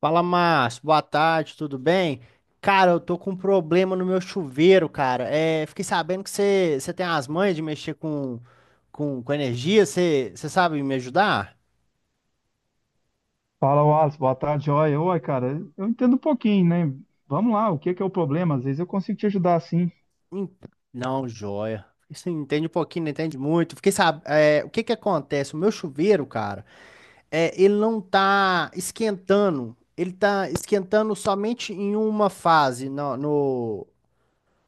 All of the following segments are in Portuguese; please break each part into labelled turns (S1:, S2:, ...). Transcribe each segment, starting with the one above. S1: Fala, Márcio. Boa tarde, tudo bem? Cara, eu tô com um problema no meu chuveiro, cara. Fiquei sabendo que você tem as manhas de mexer com energia. Você sabe me ajudar?
S2: Fala, Wallace. Boa tarde, joia. Oi, cara, eu entendo um pouquinho, né? Vamos lá, o que que é o problema? Às vezes eu consigo te ajudar assim.
S1: Hum. Não, joia. Você entende um pouquinho, não entende muito. Fiquei sabendo. O que que acontece? O meu chuveiro, cara, ele não tá esquentando. Ele tá esquentando somente em uma fase,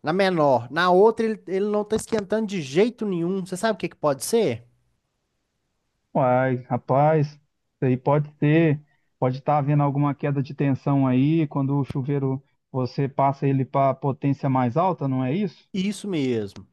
S1: na menor. Na outra, ele não tá esquentando de jeito nenhum. Você sabe o que que pode ser?
S2: Uai, rapaz, isso aí pode ter, pode estar havendo alguma queda de tensão aí, quando o chuveiro você passa ele para potência mais alta, não é isso?
S1: Isso mesmo.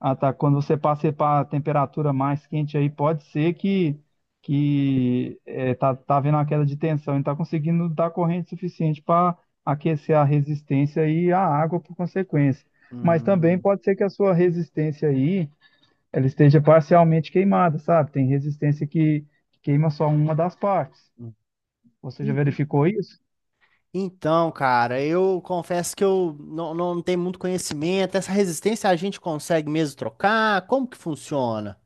S2: Ah, tá. Quando você passa para a temperatura mais quente aí, pode ser que tá, tá havendo uma queda de tensão e está conseguindo dar corrente suficiente para aquecer a resistência e a água por consequência. Mas também
S1: Hum,
S2: pode ser que a sua resistência aí ela esteja parcialmente queimada, sabe? Tem resistência que queima só uma das partes.
S1: hum.
S2: Você já
S1: E- e-
S2: verificou isso?
S1: Então, cara, eu confesso que eu não, não tenho muito conhecimento. Essa resistência a gente consegue mesmo trocar? Como que funciona?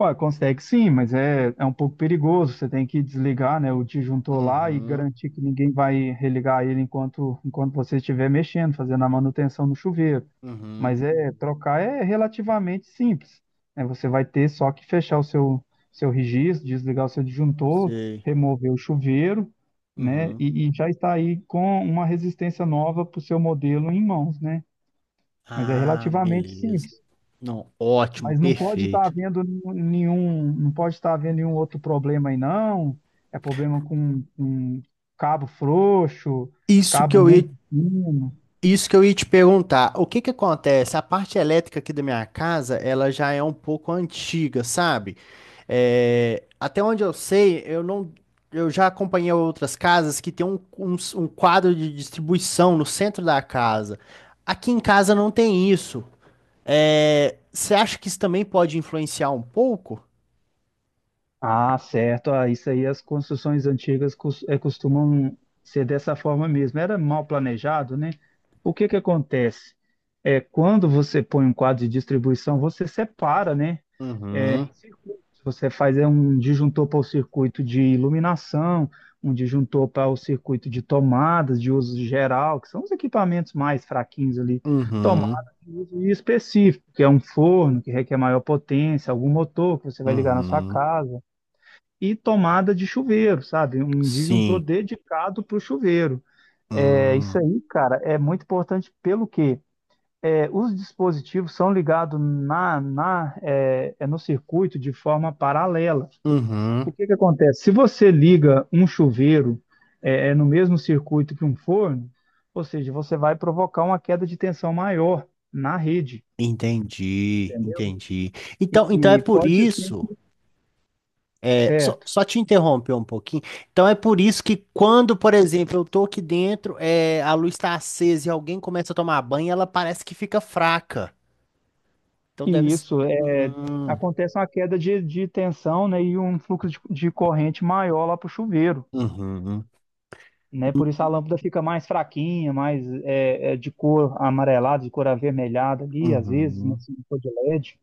S2: Ué, consegue sim, mas é um pouco perigoso. Você tem que desligar, né, o disjuntor lá e
S1: Uhum,
S2: garantir que ninguém vai religar ele enquanto você estiver mexendo, fazendo a manutenção no chuveiro.
S1: uhum,
S2: Mas é trocar é relativamente simples. Né? Você vai ter só que fechar o seu registro, desligar o seu disjuntor,
S1: sei.
S2: remover o chuveiro, né?
S1: Uhum.
S2: E já está aí com uma resistência nova para o seu modelo em mãos, né? Mas é
S1: Ah,
S2: relativamente
S1: beleza.
S2: simples.
S1: Não, ótimo,
S2: Mas não pode estar
S1: perfeito.
S2: havendo nenhum, não pode estar havendo nenhum outro problema aí, não. É problema com cabo frouxo,
S1: Isso que
S2: cabo
S1: eu ia
S2: muito fino.
S1: Isso que eu ia te perguntar, o que que acontece? A parte elétrica aqui da minha casa, ela já é um pouco antiga, sabe? É, até onde eu sei, eu não, eu já acompanhei outras casas que tem um quadro de distribuição no centro da casa. Aqui em casa não tem isso. É, você acha que isso também pode influenciar um pouco?
S2: Ah, certo. Ah, isso aí as construções antigas costumam ser dessa forma mesmo. Era mal planejado, né? O que que acontece? É, quando você põe um quadro de distribuição, você separa, né? É,
S1: Uhum,
S2: circuitos. Você faz é, um disjuntor para o circuito de iluminação, um disjuntor para o circuito de tomadas de uso geral, que são os equipamentos mais fraquinhos ali,
S1: uhum,
S2: tomadas de uso específico, que é um forno que requer maior potência, algum motor que você vai ligar na sua
S1: uhum,
S2: casa, e tomada de chuveiro, sabe? Um disjuntor
S1: sim.
S2: dedicado para o chuveiro. É, isso
S1: Hum.
S2: aí, cara, é muito importante pelo quê? É, os dispositivos são ligados no circuito de forma paralela.
S1: Uhum.
S2: O que que acontece? Se você liga um chuveiro é no mesmo circuito que um forno, ou seja, você vai provocar uma queda de tensão maior na rede,
S1: Entendi,
S2: entendeu?
S1: entendi. Então, então é
S2: E
S1: por
S2: pode ser
S1: isso, só,
S2: certo.
S1: só te interromper um pouquinho. Então é por isso que quando, por exemplo, eu tô aqui dentro, é, a luz está acesa e alguém começa a tomar banho, ela parece que fica fraca. Então deve
S2: E
S1: ser. Hum,
S2: acontece uma queda de tensão, né, e um fluxo de corrente maior lá para o chuveiro.
S1: uhum,
S2: Né? Por isso a lâmpada fica mais fraquinha, mais de cor amarelada, de cor avermelhada ali, às vezes, né?
S1: uhum.
S2: Se não for de LED.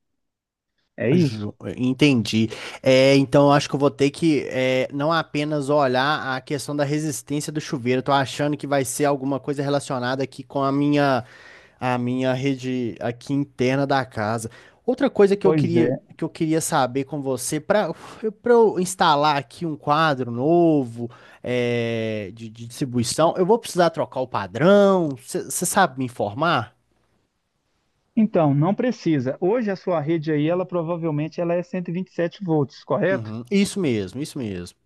S2: É isso?
S1: Entendi. É, então eu acho que eu vou ter que não apenas olhar a questão da resistência do chuveiro. Eu tô achando que vai ser alguma coisa relacionada aqui com a minha rede aqui interna da casa. Outra coisa
S2: Pois é.
S1: que eu queria saber com você para eu instalar aqui um quadro novo de distribuição, eu vou precisar trocar o padrão. Você sabe me informar?
S2: Então, não precisa. Hoje a sua rede aí, ela provavelmente ela é 127 volts, correto?
S1: Uhum. Isso mesmo, isso mesmo.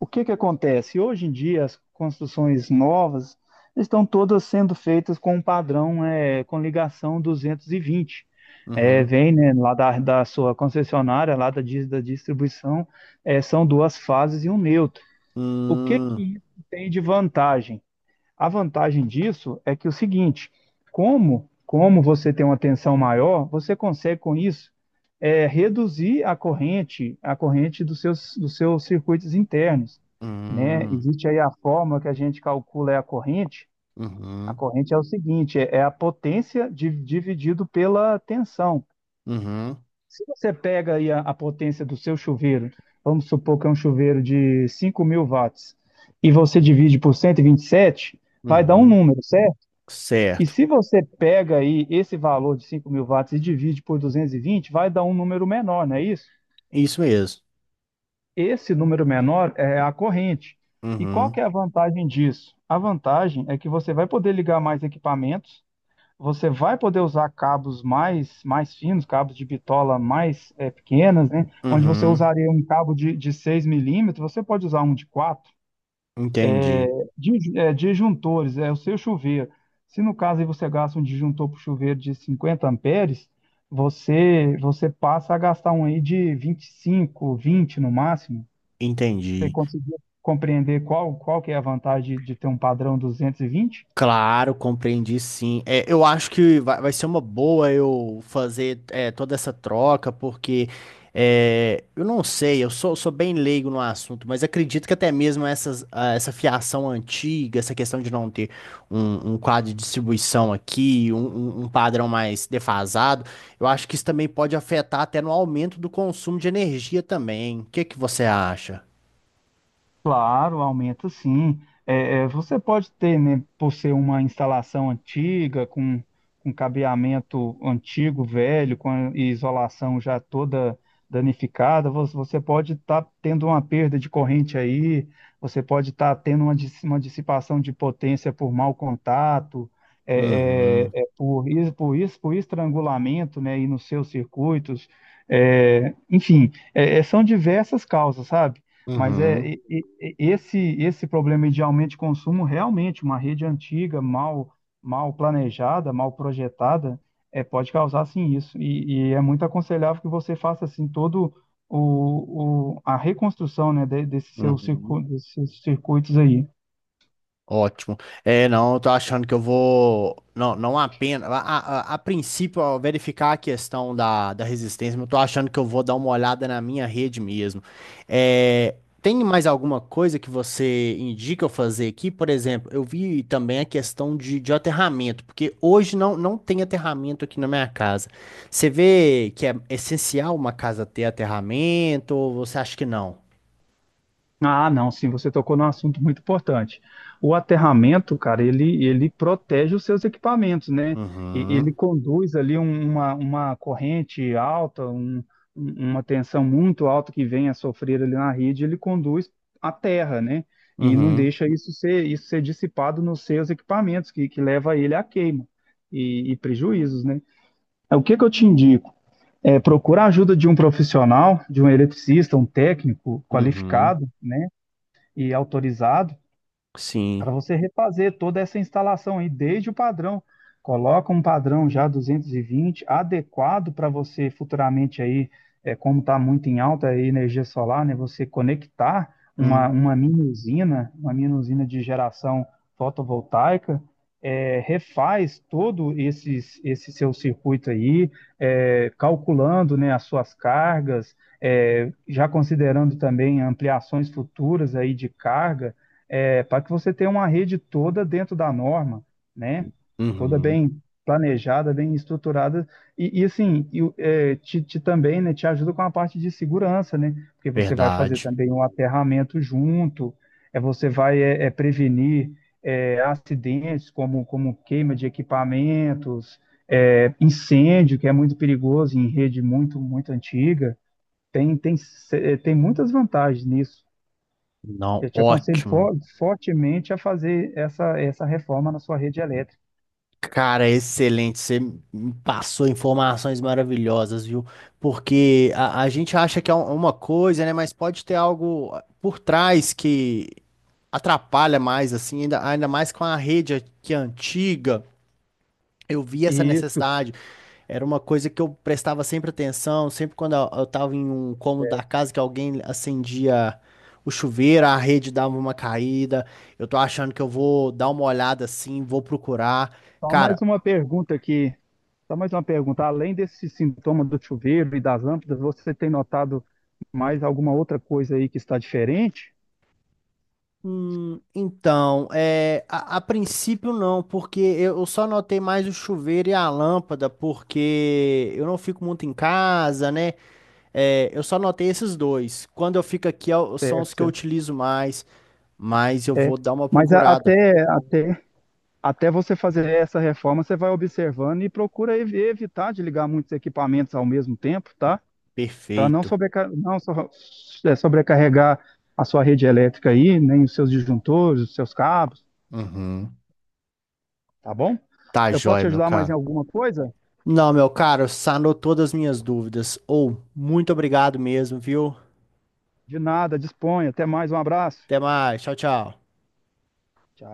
S2: O que que acontece? Hoje em dia as construções novas estão todas sendo feitas com um padrão é, com ligação 220. É,
S1: Uhum.
S2: vem, né, da sua concessionária, da distribuição, é, são duas fases e um neutro. O que
S1: Hum.
S2: que isso tem de vantagem? A vantagem disso é que é o seguinte, como você tem uma tensão maior, você consegue com isso é, reduzir a corrente dos seus circuitos internos, né?
S1: Hum,
S2: Existe aí a fórmula que a gente calcula é a corrente. A
S1: uhum,
S2: corrente é o seguinte, é a potência dividido pela tensão.
S1: uhum,
S2: Se você pega aí a potência do seu chuveiro, vamos supor que é um chuveiro de 5000 watts, e você divide por cento e vinte e sete, vai dar um
S1: uhum.
S2: número, certo? E
S1: Certo.
S2: se você pega aí esse valor de 5000 watts e divide por 220, vai dar um número menor, não é isso?
S1: Isso mesmo.
S2: Esse número menor é a corrente. E qual que
S1: Uhum,
S2: é a vantagem disso? A vantagem é que você vai poder ligar mais equipamentos você vai poder usar cabos mais, mais finos, cabos de bitola mais pequenas, né? Onde você
S1: uhum.
S2: usaria um cabo de 6 milímetros, você pode usar um de 4.
S1: Entendi,
S2: Disjuntores, é o seu chuveiro. Se no caso aí você gasta um disjuntor para chuveiro de 50 amperes, você passa a gastar um aí de 25, 20 no máximo. Você
S1: entendi.
S2: conseguiu compreender qual, qual que é a vantagem de ter um padrão 220?
S1: Claro, compreendi sim. É, eu acho que vai ser uma boa eu fazer toda essa troca, porque eu não sei, sou bem leigo no assunto, mas acredito que até mesmo essas, ah, essa fiação antiga, essa questão de não ter um quadro de distribuição aqui, um padrão mais defasado, eu acho que isso também pode afetar até no aumento do consumo de energia também. O que que você acha?
S2: Claro, aumenta sim. Você pode ter, né, por ser uma instalação antiga, com cabeamento antigo, velho, com a isolação já toda danificada, você pode estar tendo uma perda de corrente aí, você pode estar tendo uma, uma dissipação de potência por mau contato,
S1: Uhum,
S2: por estrangulamento, né, aí nos seus circuitos. É, enfim, são diversas causas, sabe? Mas é
S1: uhum,
S2: esse esse problema de aumento de consumo realmente uma rede antiga, mal planejada, mal projetada, é, pode causar sim isso. E é muito aconselhável que você faça assim todo o a reconstrução, né, desse seu
S1: uhum.
S2: desses seus circuitos aí.
S1: Ótimo. É, não, eu tô achando que eu vou. Não, não apenas. A princípio, ao verificar a questão da resistência, mas eu tô achando que eu vou dar uma olhada na minha rede mesmo. É, tem mais alguma coisa que você indica eu fazer aqui? Por exemplo, eu vi também a questão de aterramento, porque hoje não tem aterramento aqui na minha casa. Você vê que é essencial uma casa ter aterramento ou você acha que não?
S2: Ah, não, sim, você tocou num assunto muito importante. O aterramento, cara, ele protege os seus equipamentos, né? Ele
S1: Uhum,
S2: conduz ali uma corrente alta, uma tensão muito alta que vem a sofrer ali na rede, ele conduz à terra, né? E não
S1: uhum,
S2: deixa isso ser dissipado nos seus equipamentos, que leva ele à queima e prejuízos, né? O que que eu te indico? É, procura a ajuda de um profissional, de um eletricista, um técnico
S1: uhum,
S2: qualificado, né? E autorizado
S1: sim.
S2: para você refazer toda essa instalação aí, desde o padrão. Coloca um padrão já 220 adequado para você futuramente aí, é, como está muito em alta a energia solar, né, você conectar
S1: Hum.
S2: uma mini usina de geração fotovoltaica, é, refaz esse seu circuito aí, é, calculando né, as suas cargas, é, já considerando também ampliações futuras aí de carga, é, para que você tenha uma rede toda dentro da norma, né? Toda
S1: Uhum,
S2: bem planejada, bem estruturada te, te também, né? Te ajuda com a parte de segurança, né? Porque você vai fazer
S1: verdade.
S2: também um aterramento junto, é você vai prevenir é, acidentes como queima de equipamentos, é, incêndio que é muito perigoso em rede muito antiga. Tem, tem, se- eh, Tem muitas vantagens nisso.
S1: Não,
S2: Eu te aconselho
S1: ótimo.
S2: fortemente a fazer essa reforma na sua rede elétrica.
S1: Cara, excelente. Você me passou informações maravilhosas, viu? Porque a gente acha que é um- uma coisa, né? Mas pode ter algo, ah, por trás que atrapalha mais, assim, ainda, ainda mais com a rede que é antiga. Eu vi essa
S2: Isso.
S1: necessidade. Era uma coisa que eu prestava sempre atenção, sempre quando eu tava em um cômodo da casa que alguém acendia o chuveiro, a rede dava uma caída. Eu tô achando que eu vou dar uma olhada assim, vou procurar.
S2: Só mais
S1: Cara,
S2: uma pergunta aqui. Só mais uma pergunta. Além desse sintoma do chuveiro e das lâmpadas, você tem notado mais alguma outra coisa aí que está diferente?
S1: então, é, a princípio não, porque eu só notei mais o chuveiro e a lâmpada, porque eu não fico muito em casa, né? É, eu só notei esses dois. Quando eu fico aqui, eu- são
S2: Certo,
S1: os que eu
S2: certo.
S1: utilizo mais, mas eu
S2: É.
S1: vou dar uma
S2: Mas a-
S1: procurada.
S2: até, até, Até você fazer essa reforma, você vai observando e procura evitar de ligar muitos equipamentos ao mesmo tempo, tá? Para não,
S1: Perfeito.
S2: sobrecarregar a sua rede elétrica aí, nem os seus disjuntores, os seus cabos,
S1: Uhum.
S2: tá bom?
S1: Tá
S2: Eu posso
S1: jóia,
S2: te
S1: meu
S2: ajudar mais em
S1: caro.
S2: alguma coisa?
S1: Não, meu caro, sanou todas as minhas dúvidas. Ou, muito obrigado mesmo, viu?
S2: De nada, disponha. Até mais, um abraço.
S1: Até mais. Tchau, tchau.
S2: Tchau.